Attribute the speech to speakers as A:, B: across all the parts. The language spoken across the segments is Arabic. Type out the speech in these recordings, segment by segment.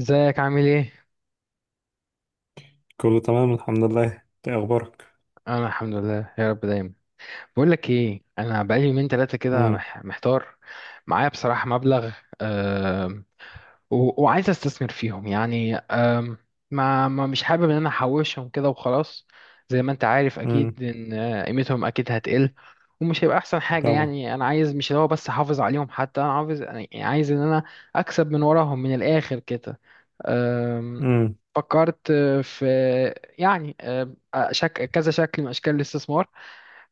A: ازيك عامل ايه؟
B: كله تمام الحمد لله. انت ايه اخبارك؟
A: انا الحمد لله يا رب دايما. بقول لك ايه، انا بقالي يومين ثلاثه كده
B: امم
A: محتار. معايا بصراحه مبلغ، آه، وعايز استثمر فيهم، يعني ما مش حابب ان انا احوشهم كده وخلاص. زي ما انت عارف
B: امم
A: اكيد ان قيمتهم اكيد هتقل، ومش هيبقى احسن حاجة.
B: طبعا.
A: يعني انا عايز مش اللي هو بس احافظ عليهم، حتى انا عاوز يعني عايز ان انا اكسب من وراهم من الاخر كده. أم،
B: امم
A: فكرت في، يعني كذا شكل من اشكال الاستثمار.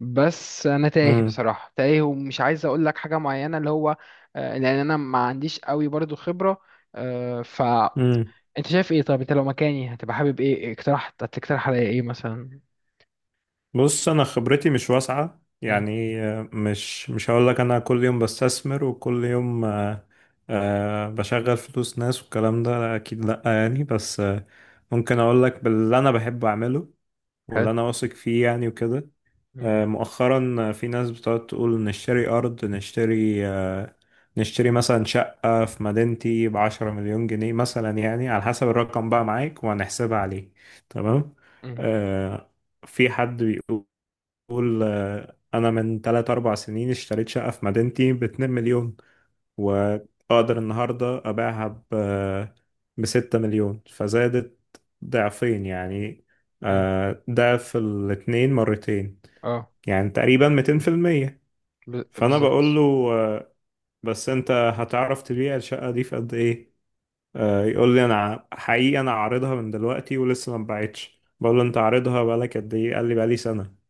A: بس انا تايه
B: امم
A: بصراحه، تايه، ومش عايز اقول لك حاجه معينه، اللي هو لان انا ما عنديش قوي برضو خبره. آه، ف
B: امم
A: انت شايف ايه؟ طب انت لو مكاني هتبقى حابب ايه؟ هتقترح عليا ايه مثلا؟
B: بص، انا خبرتي مش واسعه
A: مم.
B: يعني. مش هقول لك انا كل يوم بستثمر وكل يوم، بشغل فلوس ناس والكلام ده، اكيد لا يعني. بس آه، ممكن اقول لك باللي انا بحب اعمله واللي
A: حلو.
B: انا واثق فيه يعني وكده.
A: مم.
B: مؤخرا في ناس بتقعد تقول نشتري أرض، نشتري نشتري مثلا شقة في مدينتي ب 10 مليون جنيه مثلا، يعني على حسب الرقم بقى معاك وهنحسبها عليه. تمام.
A: مم.
B: آه، في حد بيقول، أنا من تلات أربع سنين اشتريت شقة في مدينتي ب 2 مليون، وأقدر النهاردة أبيعها ب ب 6 مليون. فزادت ضعفين يعني.
A: مم.
B: ضعف الاتنين مرتين،
A: اه.
B: يعني تقريبا 200%. فانا بقول
A: بالظبط.
B: له، آه، بس انت هتعرف تبيع الشقة دي في قد ايه؟ يقول لي انا حقيقي انا عارضها من دلوقتي ولسه ما اتباعتش. بقول له انت عارضها بقالك قد ايه؟ قال لي بقالي سنة.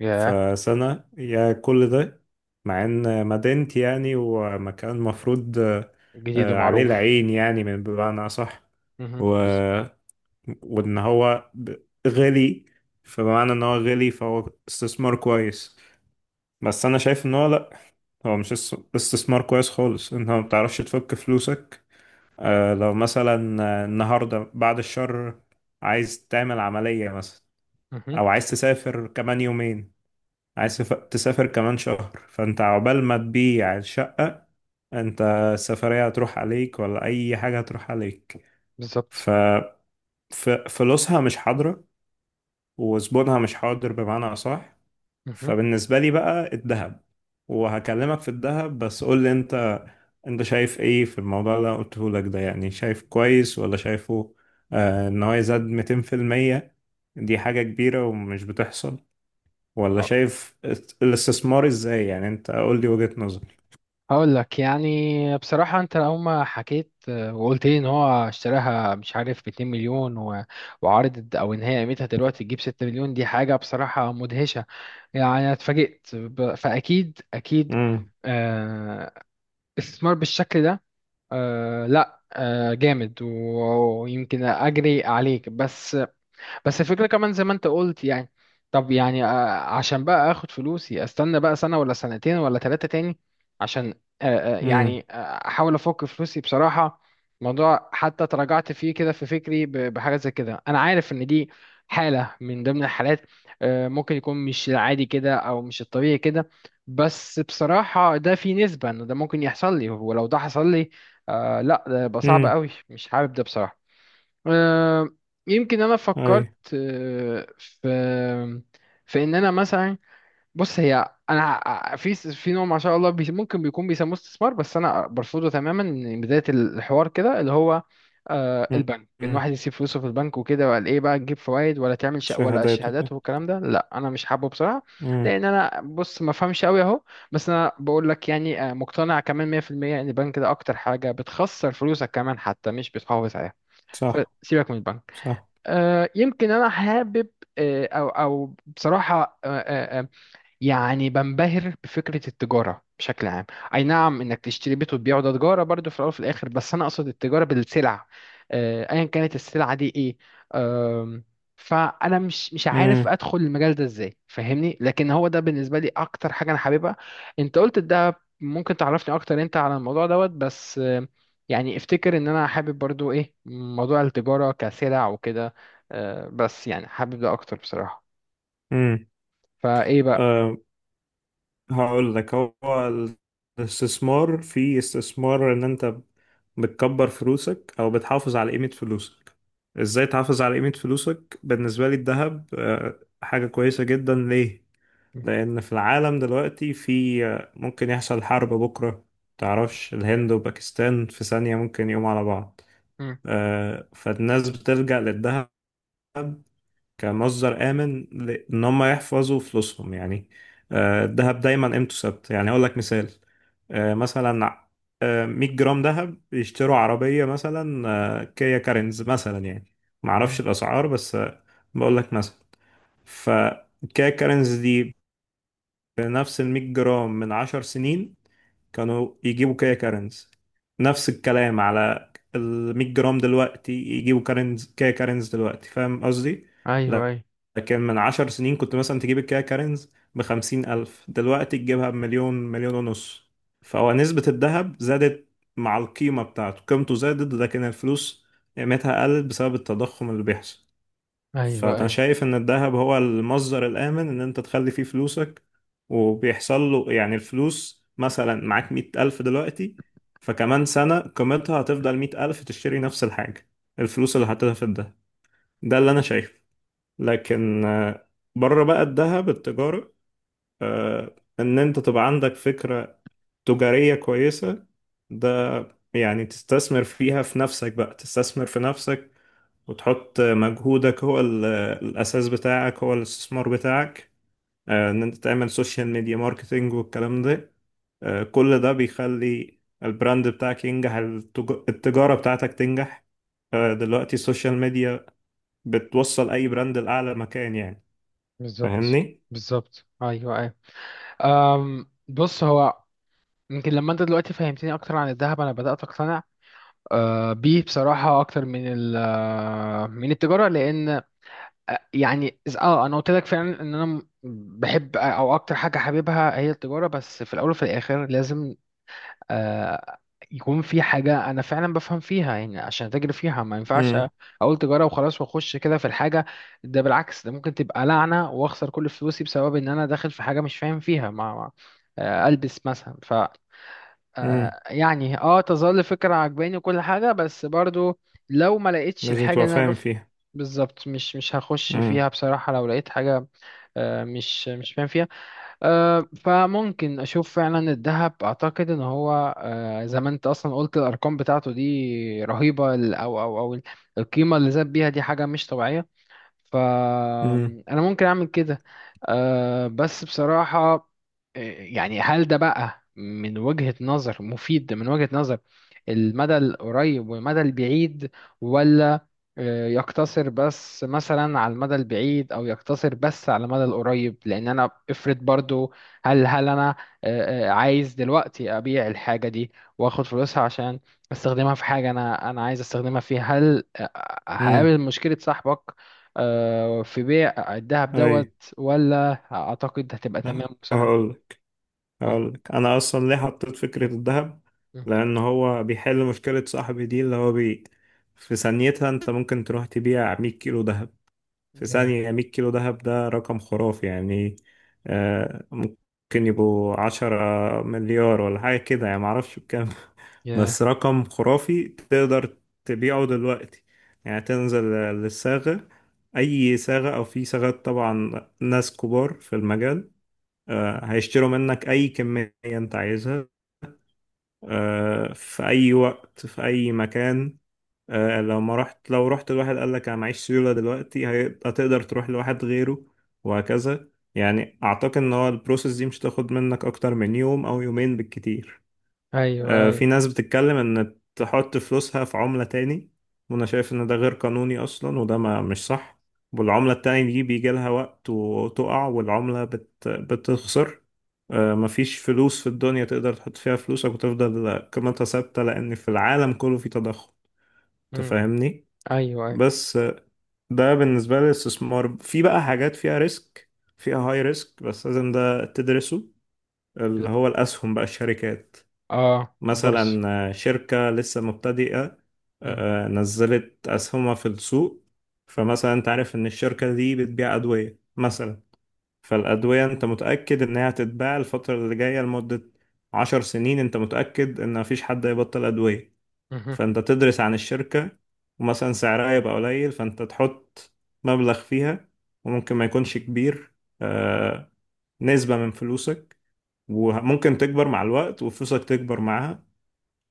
A: ياه.
B: فسنة يا كل ده، مع ان مدينتي يعني ومكان مفروض،
A: جديد
B: عليه
A: ومعروف.
B: العين يعني، من بمعنى اصح.
A: مهم.
B: و... وان هو غالي. فبمعنى ان هو غالي فهو استثمار كويس. بس انا شايف ان هو لا، هو مش استثمار كويس خالص. انت ما بتعرفش تفك فلوسك. آه، لو مثلا النهارده بعد الشر عايز تعمل عملية مثلا،
A: مهم.
B: او عايز تسافر كمان يومين، عايز
A: مهم.
B: تسافر كمان شهر. فانت عقبال ما تبيع الشقة، انت السفرية هتروح عليك، ولا اي حاجة هتروح عليك. ف
A: بالظبط.
B: فلوسها مش حاضرة وزبونها مش حاضر، بمعنى اصح.
A: مهم.
B: فبالنسبة لي بقى الذهب، وهكلمك في الذهب، بس قول لي انت، انت شايف ايه في الموضوع اللي انا قلته لك ده؟ يعني شايف كويس ولا شايفه آه ان هو يزاد 200% دي حاجة كبيرة ومش بتحصل؟ ولا شايف الاستثمار ازاي يعني؟ انت قول لي وجهة نظر.
A: هقول لك، يعني بصراحة أنت لو ما حكيت وقلت لي إن هو اشتراها مش عارف ب 2 مليون وعرضت، أو إن هي قيمتها دلوقتي تجيب 6 مليون، دي حاجة بصراحة مدهشة. يعني أنا اتفاجئت فأكيد أكيد
B: امم
A: آه، استثمار بالشكل ده لا جامد ويمكن أجري عليك بس. بس الفكرة كمان زي ما انت قلت، يعني طب يعني عشان بقى اخد فلوسي استنى بقى سنة ولا سنتين ولا ثلاثة تاني، عشان آه، آه،
B: امم
A: يعني آه، احاول افك فلوسي بصراحة. موضوع حتى تراجعت فيه كده في فكري، بحاجة زي كده. انا عارف ان دي حالة من ضمن الحالات، ممكن يكون مش العادي كده او مش الطبيعي كده، بس بصراحة ده في نسبة ان ده ممكن يحصل لي، ولو ده حصل لي لا ده يبقى صعب
B: امم
A: قوي، مش حابب ده بصراحة. آه، يمكن انا فكرت
B: اي.
A: آه، في في ان انا مثلا. بص، هي انا في نوع ما شاء الله، ممكن بيكون بيسموه استثمار، بس انا برفضه تماما من بدايه الحوار كده، اللي هو البنك. ان
B: امم
A: واحد يسيب فلوسه في البنك وكده، وقال ايه بقى، تجيب فوائد ولا تعمل شق ولا
B: شهادات وكده.
A: الشهادات والكلام ده، لا انا مش حابه بصراحه.
B: امم
A: لان انا بص ما فهمش قوي اهو. بس انا بقول لك، يعني مقتنع كمان 100% ان البنك ده اكتر حاجه بتخسر فلوسك، كمان حتى مش بتحافظ عليها.
B: صح.
A: سيبك من البنك.
B: صح.
A: يمكن انا حابب او بصراحه يعني بنبهر بفكرة التجارة بشكل عام. أي نعم، إنك تشتري بيت وتبيعه، ده تجارة برضو في الأول وفي الآخر، بس أنا أقصد التجارة بالسلع، أيا كانت السلعة دي إيه. آم، فأنا مش عارف
B: امم
A: أدخل المجال ده إزاي، فاهمني؟ لكن هو ده بالنسبة لي أكتر حاجة أنا حاببها. أنت قلت ده ممكن تعرفني أكتر أنت على الموضوع دوت، بس يعني افتكر إن أنا حابب برضو إيه موضوع التجارة كسلع وكده، بس يعني حابب ده أكتر بصراحة. فإيه بقى؟
B: امم هقول لك، هو الاستثمار، في استثمار ان انت بتكبر فلوسك او بتحافظ على قيمة فلوسك. ازاي تحافظ على قيمة فلوسك؟ بالنسبة لي الذهب حاجة كويسة جدا. ليه؟ لان في العالم دلوقتي في، ممكن يحصل حرب بكرة. تعرفش الهند وباكستان في ثانية ممكن يقوموا على بعض.
A: مم.
B: فالناس بتلجأ للذهب كمصدر آمن إن هم يحفظوا فلوسهم يعني. الذهب دايما قيمته ثابتة. يعني أقول لك مثال، مثلا، 100 جرام ذهب يشتروا عربية مثلا، كيا كارينز مثلا يعني. معرفش
A: مم.
B: الأسعار بس آه، بقول لك مثلا. فكيا كارينز دي بنفس ال 100 جرام من 10 سنين، كانوا يجيبوا كيا كارنز. نفس الكلام على ال 100 جرام دلوقتي، يجيبوا كارنز، كيا كارنز دلوقتي. فاهم قصدي؟
A: ايوه
B: لا-
A: ايوه
B: لكن من 10 سنين كنت مثلا تجيب الكيا كارنز ب 50 ألف، دلوقتي تجيبها بمليون، مليون ونص. فهو نسبة الذهب زادت مع القيمة بتاعته، قيمته زادت، لكن الفلوس قيمتها قلت بسبب التضخم اللي بيحصل.
A: ايوه
B: فانا
A: ايوه.
B: شايف ان الذهب هو المصدر الامن ان انت تخلي فيه فلوسك. وبيحصل له يعني، الفلوس مثلا معاك 100 الف دلوقتي، فكمان سنة قيمتها هتفضل 100 الف، تشتري نفس الحاجة الفلوس اللي حطيتها في الدهب. ده اللي انا شايفه. لكن بره بقى الذهب، التجارة، ان انت تبقى عندك فكرة تجارية كويسة، ده يعني تستثمر فيها في نفسك. بقى تستثمر في نفسك وتحط مجهودك، هو الأساس بتاعك هو الاستثمار بتاعك. إن أنت تعمل سوشيال ميديا ماركتينج والكلام ده، كل ده بيخلي البراند بتاعك ينجح، التجارة بتاعتك تنجح. دلوقتي السوشيال ميديا بتوصل أي براند لأعلى مكان يعني.
A: بالظبط.
B: فاهمني؟
A: بالظبط، ايوه ايوه. بص، هو يمكن لما انت دلوقتي فهمتني اكتر عن الذهب، انا بدات اقتنع أه بيه بصراحه اكتر من ال آه، من التجاره. لان أه، يعني اه انا قلت لك فعلا ان انا بحب او اكتر حاجه حاببها هي التجاره، بس في الاول وفي الاخر لازم آه، يكون في حاجة أنا فعلا بفهم فيها، يعني عشان أتاجر فيها ما ينفعش
B: امم
A: أقول تجارة وخلاص وأخش كده في الحاجة. ده بالعكس، ده ممكن تبقى لعنة وأخسر كل فلوسي بسبب إن أنا داخل في حاجة مش فاهم فيها. ألبس مثلا.
B: امم
A: يعني أه تظل فكرة عجباني وكل حاجة، بس برضو لو ما لقيتش
B: لازم
A: الحاجة
B: تبقى
A: اللي أنا
B: فاهم فيها.
A: بالظبط، مش هخش
B: امم
A: فيها بصراحة. لو لقيت حاجة مش فاهم، أه، فممكن اشوف فعلا الذهب. اعتقد ان هو أه، زي ما انت اصلا قلت، الارقام بتاعته دي رهيبه، او القيمه اللي زاد بيها دي حاجه مش طبيعيه.
B: امم
A: فأنا ممكن أعمل كده. أه بس بصراحة، يعني هل ده بقى من وجهة نظر مفيد من وجهة نظر المدى القريب والمدى البعيد، ولا يقتصر بس مثلا على المدى البعيد أو يقتصر بس على المدى القريب؟ لأن أنا افرض برضو، هل أنا عايز دلوقتي أبيع الحاجة دي وآخد فلوسها عشان استخدمها في حاجة، أنا عايز استخدمها فيها. هل
B: امم
A: هقابل مشكلة صاحبك في بيع الذهب دوت،
B: أي.
A: ولا اعتقد هتبقى تمام وسهله؟
B: هقول،
A: قولي.
B: هقول لك، انا اصلا ليه حطيت فكره الذهب؟
A: مم.
B: لان هو بيحل مشكله صاحبي دي اللي هو بي. في ثانيتها انت ممكن تروح تبيع 100 كيلو ذهب. في
A: يا
B: ثانيه، 100 كيلو ذهب ده رقم خرافي يعني. آه، ممكن يبقوا 10 مليار ولا حاجه كده يعني، معرفش بكام. بس
A: يا.
B: رقم خرافي تقدر تبيعه دلوقتي. يعني تنزل للصاغه، اي صاغه، او في صاغات طبعا، ناس كبار في المجال،
A: مم.
B: هيشتروا منك أي كمية أنت عايزها، في أي وقت في أي مكان. لو ما رحت، لو رحت لواحد قال لك أنا معيش سيولة دلوقتي، هتقدر تروح لواحد غيره، وهكذا. يعني أعتقد إن هو البروسيس دي مش تاخد منك أكتر من يوم أو يومين بالكتير.
A: ايوه ايوه.
B: في ناس بتتكلم ان تحط فلوسها في عملة تاني، وانا شايف ان ده غير قانوني اصلا، وده ما مش صح. والعملة التانية دي بيجي لها وقت وتقع، والعملة بتخسر. مفيش فلوس في الدنيا تقدر تحط فيها فلوسك وتفضل قيمتها ثابتة، لان في العالم كله في تضخم.
A: مم.
B: تفهمني؟
A: ايوه ايوه.
B: بس آه، ده بالنسبة للاستثمار. في بقى حاجات فيها ريسك، فيها هاي ريسك، بس لازم ده تدرسه،
A: ال-
B: اللي هو الأسهم بقى، الشركات.
A: اه، البورصه.
B: مثلا شركة لسه مبتدئة،
A: مم.
B: نزلت أسهمها في السوق. فمثلا أنت عارف إن الشركة دي بتبيع أدوية مثلا، فالأدوية أنت متأكد إنها هتتباع الفترة اللي جاية لمدة 10 سنين، أنت متأكد إن مفيش حد هيبطل أدوية.
A: مهم.
B: فأنت تدرس عن الشركة، ومثلا سعرها يبقى قليل، فأنت تحط مبلغ فيها، وممكن ما يكونش كبير، آه، نسبة من فلوسك، وممكن تكبر مع الوقت وفلوسك تكبر معاها.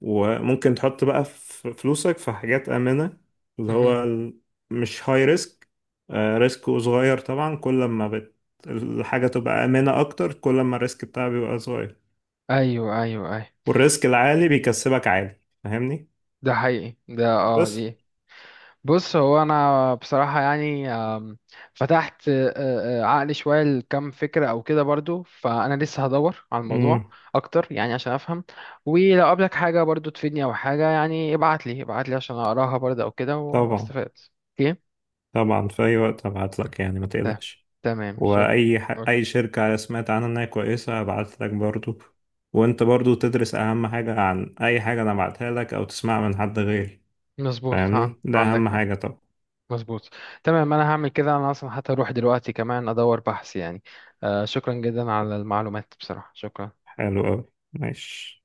B: وممكن تحط بقى فلوسك في حاجات آمنة، اللي
A: مهم.
B: هو مش هاي ريسك، ريسك صغير. طبعا كل ما الحاجة تبقى آمنة أكتر، كل ما الريسك بتاعها بيبقى صغير.
A: ايوه ايوه ايوه.
B: والريسك العالي بيكسبك عالي. فاهمني؟
A: ده حقيقي، ده اه،
B: بس.
A: دي. بص، هو انا بصراحه يعني فتحت عقلي شويه لكم فكره او كده، برضو فانا لسه هدور على الموضوع
B: امم
A: اكتر، يعني عشان افهم. ولو قابلك حاجه برضو تفيدني او حاجه، يعني ابعت لي، عشان اقراها برضو او كده
B: طبعا.
A: واستفاد. اوكي.
B: طبعا، في أي وقت هبعت لك يعني، ما
A: ت-
B: تقلقش.
A: تمام، شكرا.
B: أي شركة سمعت عنها إنها كويسة هبعت لك برضو. وأنت برضو تدرس أهم حاجة عن أي حاجة أنا بعتها لك أو تسمعها من حد غيري.
A: مظبوط،
B: فاهمني؟ ده
A: عندك
B: اهم
A: حق.
B: حاجة طبعا.
A: مظبوط. تمام، انا هعمل كده. انا اصلا حتى اروح دلوقتي كمان ادور بحث، يعني شكرا جدا على المعلومات بصراحه، شكرا.
B: حلو قوي. ماشي.